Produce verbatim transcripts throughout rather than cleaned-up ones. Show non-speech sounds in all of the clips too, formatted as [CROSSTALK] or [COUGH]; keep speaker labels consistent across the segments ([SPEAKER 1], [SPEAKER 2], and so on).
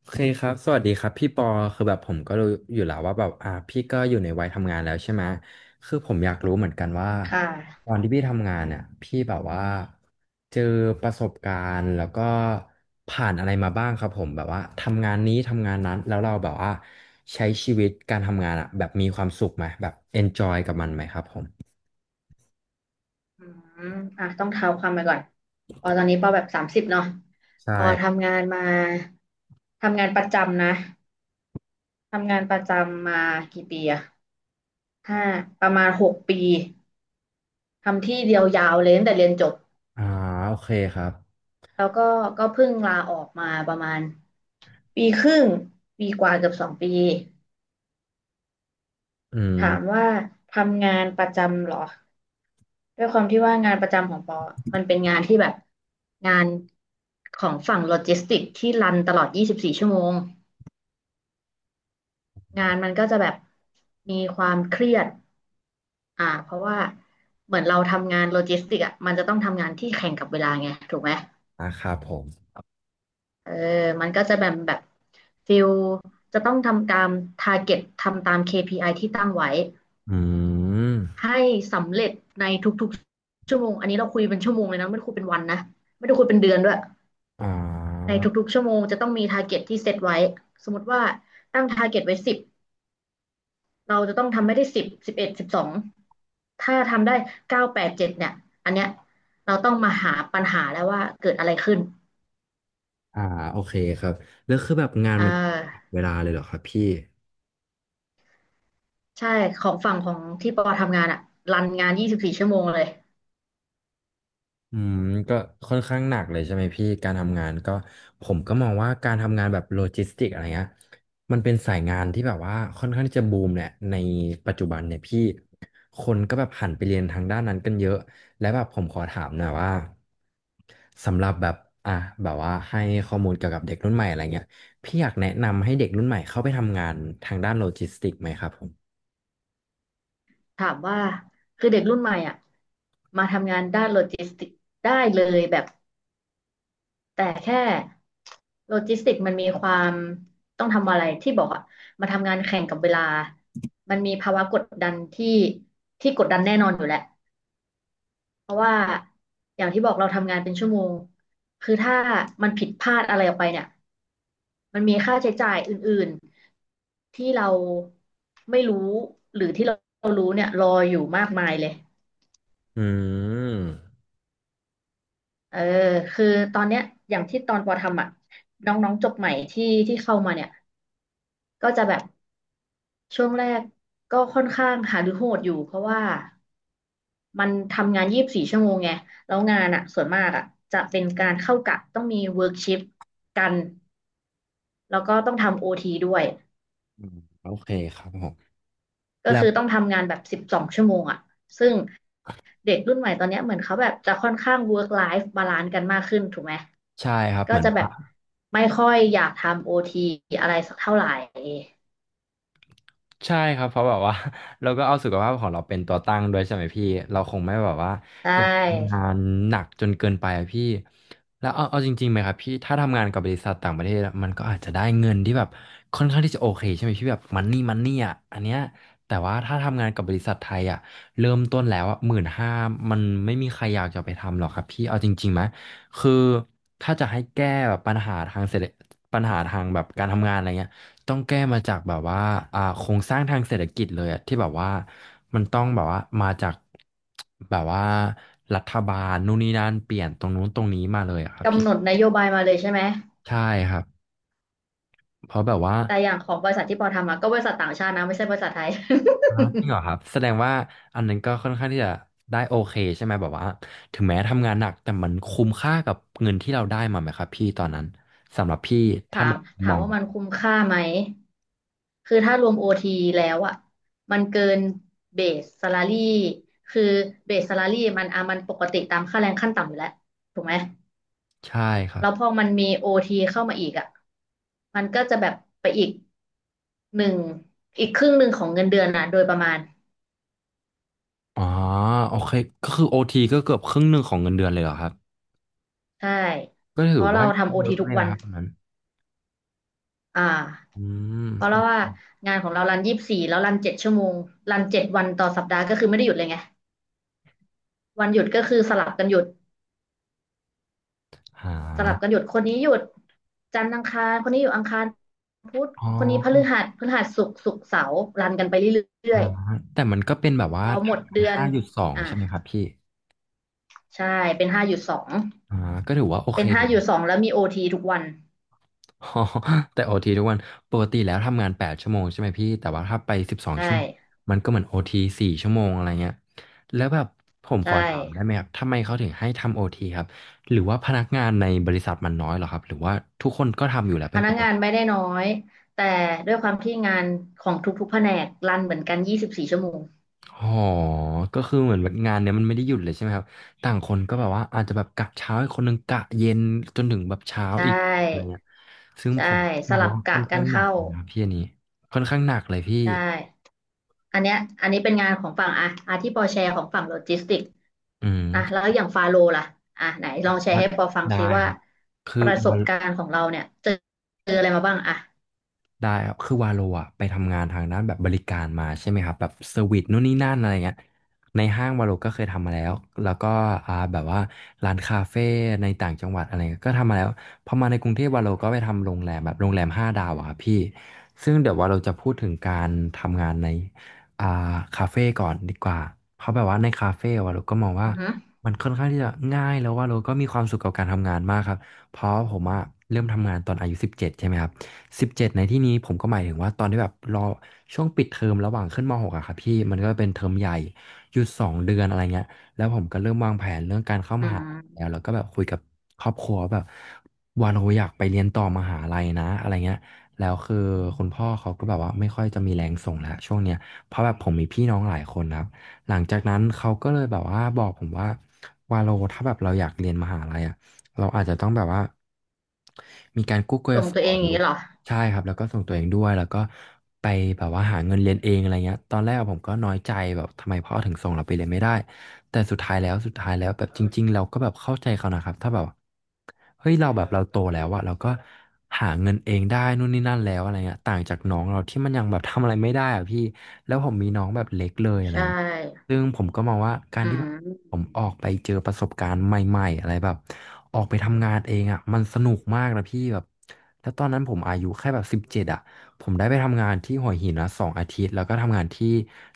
[SPEAKER 1] โอเคครับสวัสดีครับพี่ปอคือแบบผมก็รู้อยู่แล้วว่าแบบอ่าพี่ก็อยู่ในวัยทำงานแล้วใช่ไหมคือผมอยากรู้เหมือนกันว่า
[SPEAKER 2] ค่ะ
[SPEAKER 1] ตอนที่พี่ทำงานเนี่ยพี่แบบว่าเจอประสบการณ์แล้วก็ผ่านอะไรมาบ้างครับผมแบบว่าทำงานนี้ทำงานนั้นแล้วเราแบบว่าใช้ชีวิตการทำงานอ่ะแบบมีความสุขไหมแบบ enjoy กับมันไหมครับผม
[SPEAKER 2] อืมอ่ะต้องเท้าความไปก่อน ปอตอนนี้ปอแบบสามสิบเนาะ
[SPEAKER 1] ใช่
[SPEAKER 2] ปอทำงานมา ทำงานประจำนะ ทำงานประจำมากี่ปีอะห้าประมาณหกปี ทำที่เดียวยาวเลยตั้งแต่เรียนจบ
[SPEAKER 1] อ่าโอเคครับ
[SPEAKER 2] แล้วก็ก็เพิ่งลาออกมาประมาณปีครึ่ง ปีกว่าเกือบสองปี
[SPEAKER 1] อืม
[SPEAKER 2] ถามว่าทำงานประจำเหรอด้วยความที่ว่างานประจำของปอมันเป็นงานที่แบบงานของฝั่งโลจิสติกส์ที่รันตลอด ยี่สิบสี่ ชั่วโมง งานมันก็จะแบบมีความเครียดอ่าเพราะว่าเหมือนเราทำงานโลจิสติกส์อ่ะมันจะต้องทำงานที่แข่งกับเวลาไง ถูกไหม
[SPEAKER 1] นะครับผม
[SPEAKER 2] เออมันก็จะแบบแบบฟิลจะต้องทำตามทาร์เก็ตทำตาม เค พี ไอ ที่ตั้งไว้
[SPEAKER 1] อืม
[SPEAKER 2] ให้สำเร็จในทุกๆชั่วโมงอันนี้เราคุยเป็นชั่วโมงเลยนะไม่ได้คุยเป็นวันนะไม่ได้คุยเป็นเดือนด้วย
[SPEAKER 1] อ่
[SPEAKER 2] ในทุ
[SPEAKER 1] า
[SPEAKER 2] กๆชั่วโมงจะต้องมี t า r g เก็ตที่เซตไว้สมมติว่าตั้ง t า r g เก็ตไว้สิบเราจะต้องทำให้ได้สิบสิบเอ็ดสิบสองถ้าทำได้เก้าแปดเจ็ดเนี่ยอันเนี้ยเราต้องมาหาปัญหาแล้วว่าเกิดอะไรขึ้น
[SPEAKER 1] อ่าโอเคครับแล้วคือแบบงาน
[SPEAKER 2] อ่า
[SPEAKER 1] มันเวลาเลยเหรอครับพี่
[SPEAKER 2] ใช่ของฝั่งของที่ปอทำงานอะรันงานยี่สิบสี่ชั่วโมงเลย
[SPEAKER 1] อืมก็ค่อนข้างหนักเลยใช่ไหมพี่การทำงานก็ผมก็มองว่าการทำงานแบบโลจิสติกอะไรเงี้ยมันเป็นสายงานที่แบบว่าค่อนข้างที่จะบูมแหละในปัจจุบันเนี่ยพี่คนก็แบบหันไปเรียนทางด้านนั้นกันเยอะและแบบผมขอถามหน่อยว่าสำหรับแบบอ่ะแบบว่าให้ข้อมูลเกี่ยวกับเด็กรุ่นใหม่อะไรเงี้ยพี่อยากแนะนำให้เด็กรุ่นใหม่เข้าไปทำงานทางด้านโลจิสติกไหมครับผม
[SPEAKER 2] ถามว่าคือเด็กรุ่นใหม่อะมาทำงานด้านโลจิสติกส์ได้เลยแบบ แต่แค่โลจิสติกมันมีความต้องทำอะไรที่บอกอะมาทำงานแข่งกับเวลามันมีภาวะกดดันที่ที่กดดันแน่นอนอยู่แหละเพราะว่าอย่างที่บอกเราทำงานเป็นชั่วโมงคือถ้ามันผิดพลาดอะไรออกไปเนี่ยมันมีค่าใช้จ่ายอื่นๆที่เราไม่รู้หรือที่เรารู้เนี่ยรออยู่มากมายเลย
[SPEAKER 1] อืม
[SPEAKER 2] เออคือตอนเนี้ยอย่างที่ตอนปอทำอ่ะน้องๆจบใหม่ที่ที่เข้ามาเนี่ยก็จะแบบ ช่วงแรกก็ค่อนข้างหาหรือโหดอยู่เพราะว่ามันทำงานยี่สิบสี่ชั่วโมงไงแล้วงานอ่ะส่วนมากอ่ะจะเป็นการเข้ากะต้องมีเวิร์กชิฟกันแล้วก็ต้องทำโอทีด้วย
[SPEAKER 1] อืมโอเคครับผม
[SPEAKER 2] ก็
[SPEAKER 1] แล้
[SPEAKER 2] คื
[SPEAKER 1] ว
[SPEAKER 2] อต้องทำงานแบบสิบสองชั่วโมงอ่ะซึ่งเด็กรุ่นใหม่ตอนเนี้ยเหมือนเขาแบบจะค่อนข้างเวิร์กไลฟ์บาลานซ์กันมากขึ้นถูกไหม
[SPEAKER 1] ใช่ครับ
[SPEAKER 2] ก็
[SPEAKER 1] เหมือน
[SPEAKER 2] จะแบบไม่ค่อยอยากทำโอทีอะไรสักเท่าไหร่
[SPEAKER 1] ใช่ครับเพราะแบบว่า [LAUGHS] เราก็เอาสุขภาพของเราเป็นตัวตั้งด้วยใช่ไหมพี่เราคงไม่แบบว่า
[SPEAKER 2] ใช่
[SPEAKER 1] งานหนักจนเกินไปอะพี่แล้วเอาเอาจริงๆไหมครับพี่ถ้าทำงานกับบริษัทต่างประเทศอะมันก็อาจจะได้เงินที่แบบค่อนข้างที่จะโอเคใช่ไหมพี่แบบมันนี่มันนี่อ่ะอันเนี้ยแต่ว่าถ้าทำงานกับบริษัทไทยอ่ะเริ่มต้นแล้วอ่ะหมื่นห้ามันไม่มีใครอยากจะไปทำหรอกครับพี่เอาจริงๆไหมคือถ้าจะให้แก้แบบปัญหาทางเศรษฐปัญหาทางแบบการทำงานอะไรเงี้ย ต้องแก้มาจากแบบว่าอ่าโครงสร้างทางเศรษฐกิจเลยอะที่แบบว่ามันต้องแบบว่ามาจากแบบว่ารัฐบาลนู่นนี่นั่นเปลี่ยนตรงนู้นตรงนี้มาเลยอะครับ
[SPEAKER 2] กำ
[SPEAKER 1] พี่
[SPEAKER 2] หนดนโยบายมาเลยใช่ไหม
[SPEAKER 1] ใช่ครับเพราะแบบว่า
[SPEAKER 2] แต่อย่างของบริษัทที่ปอทำอะก็บริษัทต่างชาตินะไม่ใช่บริษัทไทย
[SPEAKER 1] อ่าจริงเหรอครับแสดงว่าอันนั้นก็ค่อนข้างที่จะได้โอเคใช่ไหมแบบว่าถึงแม้ทำงานหนักแต่มันคุ้มค่ากับเงินที่เราได้มาไหมครับพี่ตอนนั้นครับพี่
[SPEAKER 2] [LAUGHS]
[SPEAKER 1] ถ้า
[SPEAKER 2] ถา
[SPEAKER 1] ม
[SPEAKER 2] มถา
[SPEAKER 1] ม
[SPEAKER 2] ม
[SPEAKER 1] อง
[SPEAKER 2] ว่ามันคุ้มค่าไหมคือถ้ารวมโอทีแล้วอ่ะมันเกินเบส s a l ารี่คือเบส s a l ารี่มันอ่ะมันปกติตามค่าแรงขั้นต่ำอยู่แล้วถูกไหม
[SPEAKER 1] ใช่ครับ
[SPEAKER 2] แล้วพอมันมีโอทีเข้ามาอีกอ่ะมันก็จะแบบไปอีกหนึ่งอีกครึ่งหนึ่งของเงินเดือนนะโดยประมาณ
[SPEAKER 1] อ๋อโอเคก็คือโอทีก็เกือบครึ่งหนึ่งของเงินเดือนเลยเหรอครับ
[SPEAKER 2] ใช่
[SPEAKER 1] ก็
[SPEAKER 2] เพ
[SPEAKER 1] ถือ
[SPEAKER 2] ราะเรา
[SPEAKER 1] ว่า
[SPEAKER 2] ทำโอ
[SPEAKER 1] เย
[SPEAKER 2] ที
[SPEAKER 1] อะ
[SPEAKER 2] ทุ
[SPEAKER 1] เล
[SPEAKER 2] ก
[SPEAKER 1] ย
[SPEAKER 2] วั
[SPEAKER 1] นะ
[SPEAKER 2] น
[SPEAKER 1] ครับอันนั้น
[SPEAKER 2] อ่า
[SPEAKER 1] อืม
[SPEAKER 2] เพราะว่างานของเรารันยี่สิบสี่แล้วรันเจ็ดชั่วโมงรันเจ็ดวันต่อสัปดาห์ก็คือไม่ได้หยุดเลยไงวันหยุดก็คือสลับกันหยุด
[SPEAKER 1] หา
[SPEAKER 2] สลับกันหยุดคนนี้หยุดจันทร์อังคารคนนี้อยู่อังคารพุธ
[SPEAKER 1] อ๋อ
[SPEAKER 2] คนนี้พฤหัสพฤหัสศุกร์ศุกร์เสาร์รันกันไปเรื่อย
[SPEAKER 1] หาแต่มันก็เป็นแบบ
[SPEAKER 2] ๆพ
[SPEAKER 1] ว่า
[SPEAKER 2] อหมดเดือน
[SPEAKER 1] ห้าจุดสอง
[SPEAKER 2] อ่า
[SPEAKER 1] ใช่ไหมครับพี่
[SPEAKER 2] ใช่เป็นห้าหยุดสอง
[SPEAKER 1] อ่าก็ถือว่าโอเค
[SPEAKER 2] เป็นห้า
[SPEAKER 1] [LAUGHS]
[SPEAKER 2] หยุ
[SPEAKER 1] นะ
[SPEAKER 2] ดสองแล้วมีโอทีทุกวัน
[SPEAKER 1] อ๋อแต่โอทีทุกวันปกติแล้วทำงานแปดชั่วโมงใช่ไหมพี่แต่ว่าถ้าไปสิบสอง
[SPEAKER 2] ใช่
[SPEAKER 1] ชั่วโมงมันก็เหมือนโอทีสี่ชั่วโมงอะไรเงี้ยแล้วแบบผมข
[SPEAKER 2] ใช่
[SPEAKER 1] อถามได้ไหมครับทำไมเขาถึงให้ทำโอทีครับหรือว่าพนักงานในบริษัทมันน้อยเหรอครับหรือว่าทุกคนก็ทำอยู่แล้ว
[SPEAKER 2] พ
[SPEAKER 1] เป็น
[SPEAKER 2] นั
[SPEAKER 1] ป
[SPEAKER 2] ก
[SPEAKER 1] ก
[SPEAKER 2] งาน
[SPEAKER 1] ติ
[SPEAKER 2] ไม่ได้น้อยแต่ด้วยความที่งานของทุกๆแผนกรันเหมือนกันยี่สิบสี่ชั่วโมง
[SPEAKER 1] อ๋อก็คือเหมือนแบบงานเนี้ยมันไม่ได้หยุดเลยใช่ไหมครับต่างคนก็แบบว่าอาจจะแบบกะเช้าอีกคนหนึ่งกะเย็นจนถึงแบบเช้า
[SPEAKER 2] ใช
[SPEAKER 1] อีกอะไร
[SPEAKER 2] ่
[SPEAKER 1] เงี้ยซึ่ง
[SPEAKER 2] ใช่
[SPEAKER 1] ผม
[SPEAKER 2] ส
[SPEAKER 1] มอง
[SPEAKER 2] ลับ
[SPEAKER 1] ว่า
[SPEAKER 2] กะ
[SPEAKER 1] ค่อน
[SPEAKER 2] กั
[SPEAKER 1] ข้า
[SPEAKER 2] น
[SPEAKER 1] งหนัก
[SPEAKER 2] เข้า
[SPEAKER 1] เลยนะพี่อันนี้ค่อนข้างหนักเลยพี่
[SPEAKER 2] ใช่อันเนี้ยอันนี้เป็นงานของฝั่งอ่ะอาที่ปอแชร์ของฝั่งโลจิสติก
[SPEAKER 1] อืม
[SPEAKER 2] อ่ะแล้วอย่างฟาโลล่ะอ่ะไหนลองแชร์
[SPEAKER 1] ว่า
[SPEAKER 2] ให้ปอฟัง
[SPEAKER 1] ได้
[SPEAKER 2] ซิว่า
[SPEAKER 1] ครับคื
[SPEAKER 2] ป
[SPEAKER 1] อ
[SPEAKER 2] ระส
[SPEAKER 1] วั
[SPEAKER 2] บ
[SPEAKER 1] น
[SPEAKER 2] การณ์ของเราเนี่ยเจอเจออะไรมาบ้างอ่ะ
[SPEAKER 1] ได้ครับคือวาโลอะไปทำงานทางด้านแบบบริการมาใช่ไหมครับแบบเซอร์วิสนู่นนี่นั่นอะไรเงี้ยในห้างวาโลก็เคยทำมาแล้วแล้วก็อ่าแบบว่าร้านคาเฟ่ในต่างจังหวัดอะไรเงี้ยก็ทำมาแล้วพอมาในกรุงเทพวาโลก็ไปทำโรงแรมแบบโรงแรมห้าดาวอะครับพี่ซึ่งเดี๋ยววาโลจะพูดถึงการทำงานในอ่าคาเฟ่ก่อนดีกว่าเพราะแบบว่าในคาเฟ่วาโลก็มองว่า
[SPEAKER 2] อือหอ
[SPEAKER 1] มันค่อนข้างที่จะง่ายแล้ววาโลก็มีความสุขกับการทำงานมากครับเพราะผมอะเริ่มทำงานตอนอายุสิบเจ็ดใช่ไหมครับ สิบเจ็ดในที่นี้ผมก็หมายถึงว่าตอนที่แบบรอช่วงปิดเทอมระหว่างขึ้นมหกอะครับพี่มันก็เป็นเทอมใหญ่หยุดสองเดือนอะไรเงี้ยแล้วผมก็เริ่มวางแผนเรื่องการเข้าม
[SPEAKER 2] ื
[SPEAKER 1] หาลัยแล้ว
[SPEAKER 2] ม
[SPEAKER 1] แล้วก็แบบคุยกับครอบครัวแบบว่าเราอยากไปเรียนต่อมหาลัยนะอะไรเงี้ยแล้วคือคุณพ่อเขาก็แบบว่าไม่ค่อยจะมีแรงส่งแล้วช่วงเนี้ยเพราะแบบผมมีพี่น้องหลายคนนะครับหลังจากนั้นเขาก็เลยแบบว่าบอกผมว่าวาโลถ้าแบบเราอยากเรียนมหาลัยอะเราอาจจะต้องแบบว่ามีการกู้ก
[SPEAKER 2] ต
[SPEAKER 1] ย
[SPEAKER 2] รง
[SPEAKER 1] ศ
[SPEAKER 2] ตัวเอง
[SPEAKER 1] ห
[SPEAKER 2] อ
[SPEAKER 1] รื
[SPEAKER 2] ย่าง
[SPEAKER 1] อ
[SPEAKER 2] นี้เหรอ
[SPEAKER 1] ใช่ครับแล้วก็ส่งตัวเองด้วยแล้วก็ไปแบบว่าหาเงินเรียนเองอะไรเงี้ยตอนแรกผมก็น้อยใจแบบทำไมพ่อถึงส่งเราไปเรียนไม่ได้แต่สุดท้ายแล้วสุดท้ายแล้วแบบจริงๆเราก็แบบเข้าใจเขานะครับถ้าแบบเฮ้ยเราแบบเราโตแล้วอะเราก็หาเงินเองได้นู่นนี่นั่นแล้วอะไรเงี้ยต่างจากน้องเราที่มันยังแบบทำอะไรไม่ได้อะพี่แล้วผมมีน้องแบบเล็กเลยอะไร
[SPEAKER 2] ใช่
[SPEAKER 1] เงี้ย ซึ่งผมก็มองว่าการ
[SPEAKER 2] อื
[SPEAKER 1] ที่แบบผ
[SPEAKER 2] ม
[SPEAKER 1] มออกไปเจอประสบการณ์ใหม่ๆอะไรแบบออกไปทำงานเองอ่ะมันสนุกมากนะพี่แบบแล้วตอนนั้นผมอายุแค่แบบสิบเจ็ดอ่ะผมได้ไปทำงานที่หัวหินนะสองอาทิตย์แล้วก็ทำงานที่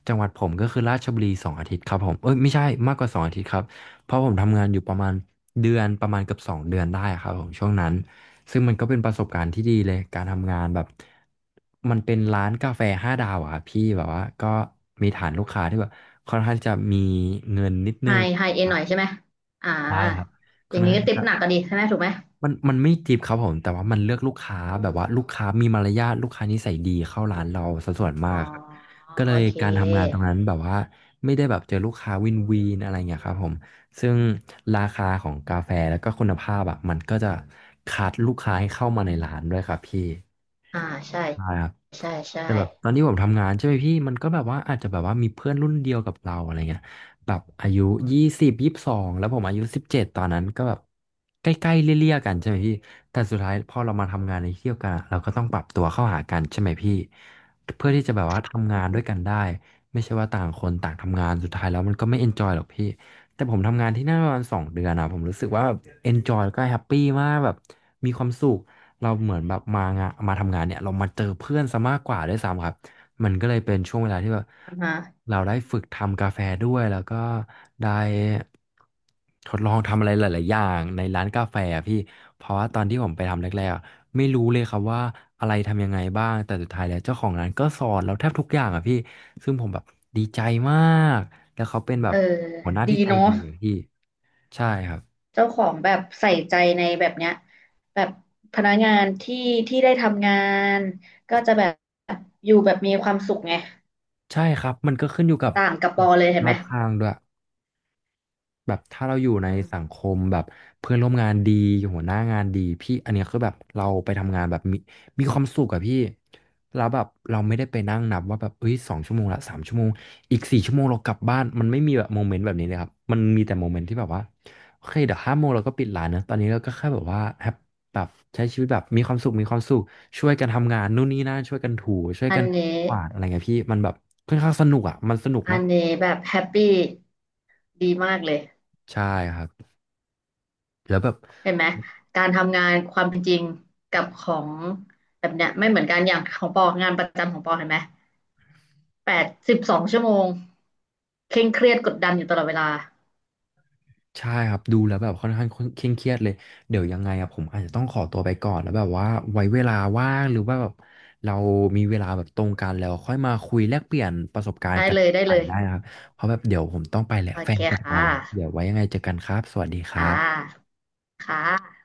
[SPEAKER 1] จังหวัดผมก็คือราชบุรีสองอาทิตย์ครับผมเอ้ยไม่ใช่มากกว่าสองอาทิตย์ครับ เพราะผมทำงานอยู่ประมาณเดือนประมาณเกือบสองเดือนได้อะครับผมช่วงนั้นซึ่งมันก็เป็นประสบการณ์ที่ดีเลยการทำงานแบบมันเป็นร้านกาแฟห้าดาวอะครับพี่แบบว่าก็มีฐานลูกค้าที่แบบค่อนข้างจะมีเงินนิด
[SPEAKER 2] ไฮ
[SPEAKER 1] นึง
[SPEAKER 2] ไฮเอ็นหน่อยใช่ไหมอ่า
[SPEAKER 1] ใช่ครับ
[SPEAKER 2] อ
[SPEAKER 1] ค่อ
[SPEAKER 2] ย่า
[SPEAKER 1] น
[SPEAKER 2] งนี้
[SPEAKER 1] ข้าง
[SPEAKER 2] ก็ติป
[SPEAKER 1] จะ
[SPEAKER 2] หนักกันดีใช่ไหมถูกไหม
[SPEAKER 1] มันมันไม่จีบครับผมแต่ว่ามันเลือกลูกค้าแบบว่าลูกค้ามีมารยาทลูกค้านิสัยดีเข้าร้านเราสัดส่วนมา
[SPEAKER 2] อ๋อ
[SPEAKER 1] กครับก็เล
[SPEAKER 2] โอ
[SPEAKER 1] ย
[SPEAKER 2] เค
[SPEAKER 1] การทำงานตรงนั้นแบบว่าไม่ได้แบบเจอลูกค้าวินวีนอะไรเงี้ยครับผมซึ่งราคาของกาแฟแล้วก็คุณภาพอ่ะมันก็จะคัดลูกค้าให้เข้ามาในร้านด้วยครับพี่
[SPEAKER 2] อ่าใช่
[SPEAKER 1] ใช่ครับ
[SPEAKER 2] ใช่ใช่
[SPEAKER 1] แต่แบบตอนที่ผมทำงานใช่ไหมพี่มันก็แบบว่าอาจจะแบบว่ามีเพื่อนรุ่นเดียวกับเราอะไรเงี้ย แบบอายุยี่สิบยี่สิบสองแล้วผมอายุสิบเจ็ดตอนนั้นก็แบบใกล้ๆเลี่ยๆกันใช่ไหมพี่แต่สุดท้ายพอเรามาทำงานในที่เที่ยวกันอะเราก็ต้องปรับตัวเข้าหากันใช่ไหมพี่เพื่อที่จะแบบว่าทำงา
[SPEAKER 2] อ
[SPEAKER 1] นด้วยกั
[SPEAKER 2] ม
[SPEAKER 1] นได้ไม่ใช่ว่าต่างคนต่างทำงานสุดท้ายแล้วมันก็ไม่เอนจอยหรอกพี่แต่ผมทำงานที่นั่นประมาณสองเดือนอะผมรู้สึกว่าเอนจอยแล้วก็แฮปปี้มากแบบมีความสุข เราเหมือนแบบมางานมาทำงานเนี่ยเรามาเจอเพื่อนซะมากกว่าด้วยซ้ำครับมันก็เลยเป็นช่วงเวลาที่แบบ
[SPEAKER 2] อ่าฮะ
[SPEAKER 1] เราได้ฝึกทำกาแฟด้วยแล้วก็ได้ทดลองทำอะไรหลายๆอย่างในร้านกาแฟอะพี่เพราะว่าตอนที่ผมไปทำแรกๆอะไม่รู้เลยครับว่าอะไรทำยังไงบ้างแต่สุดท้ายแล้วเจ้าของร้านก็สอนเราแทบทุกอย่างอ่ะพี่ซึ่งผมแบบดีใจมากแล้วเขาเป็นแบ
[SPEAKER 2] เอ
[SPEAKER 1] บ
[SPEAKER 2] อ
[SPEAKER 1] หัวหน้า
[SPEAKER 2] ดี
[SPEAKER 1] ที่ใจ
[SPEAKER 2] เนาะ
[SPEAKER 1] ดีอะพี่ใช่ครับ
[SPEAKER 2] เจ้าของแบบใส่ใจในแบบเนี้ยแบบพนักงานที่ที่ได้ทำงานก็จะแบบอยู่แบบมีความสุขไง
[SPEAKER 1] ใช่ครับมันก็ขึ้นอยู่กับ
[SPEAKER 2] ต่างกับปอเลยเห็
[SPEAKER 1] ร
[SPEAKER 2] น
[SPEAKER 1] อ
[SPEAKER 2] ไหม
[SPEAKER 1] บข้างด้วย แบบถ้าเราอยู่ใน
[SPEAKER 2] อืม
[SPEAKER 1] สังคมแบบเพื่อนร่วมงานดีหัวหน้างานดีพี่อันเนี้ยคือแบบเราไปทำงานแบบมีมีความสุขอะพี่แล้วแบบเราไม่ได้ไปนั่งนับว่าแบบเอ้ยสองชั่วโมงละสามชั่วโมงอีกสี่ชั่วโมงเรากลับบ้านมันไม่มีแบบโมเมนต์แบบนี้เลยครับมันมีแต่โมเมนต์ที่แบบว่าโอเคเดี๋ยวห้าโมงเราก็ปิดร้านนะตอนนี้เราก็แค่แบบว่าแฮปแบบใช้ชีวิตแบบมีความสุขมีความสุขช่วยกันทำงานนู่นนี่นั่นช่วยกันถูช่วย
[SPEAKER 2] อั
[SPEAKER 1] กั
[SPEAKER 2] น
[SPEAKER 1] น
[SPEAKER 2] นี้
[SPEAKER 1] กวาดอะไรเงี้ยพี่มันแบบค่อนข้างสนุกอะมันสนุก
[SPEAKER 2] อั
[SPEAKER 1] มา
[SPEAKER 2] น
[SPEAKER 1] ก
[SPEAKER 2] นี้แบบแฮปปี้ดีมากเลย
[SPEAKER 1] ใช่ครับแล้วแบบ
[SPEAKER 2] เห็นไหมการทำงานความเป็นจริงกับของแบบเนี้ยไม่เหมือนกันอย่างของปองานประจำของปอเห็นไหมแปดสิบสองชั่วโมงเคร่งเครียดกดดันอยู่ตลอดเวลา
[SPEAKER 1] ใช่ครับดูแล้วแบบค่อนข้างเคร่งเครียดเลยเดี๋ยวยังไงอะผมอาจจะต้องขอตัวไปก่อนแล้วแบบว่าไว้เวลาว่างหรือว่าแบบเรามีเวลาแบบตรงกันแล้วค่อยมาคุยแลกเปลี่ยนประสบการ
[SPEAKER 2] ได้
[SPEAKER 1] ณ์กัน
[SPEAKER 2] เลยได้
[SPEAKER 1] ใหม่
[SPEAKER 2] เลย
[SPEAKER 1] ได้นะครับเพราะแบบเดี๋ยวผมต้องไปแหละ
[SPEAKER 2] โอ
[SPEAKER 1] แฟ
[SPEAKER 2] เค
[SPEAKER 1] นกลับ
[SPEAKER 2] ค่
[SPEAKER 1] มาแล้วเดี๋ยว
[SPEAKER 2] ะ
[SPEAKER 1] ไว้ยังไงเจอกันครับสวัสดีครั
[SPEAKER 2] ค่
[SPEAKER 1] บ
[SPEAKER 2] ะค่ะ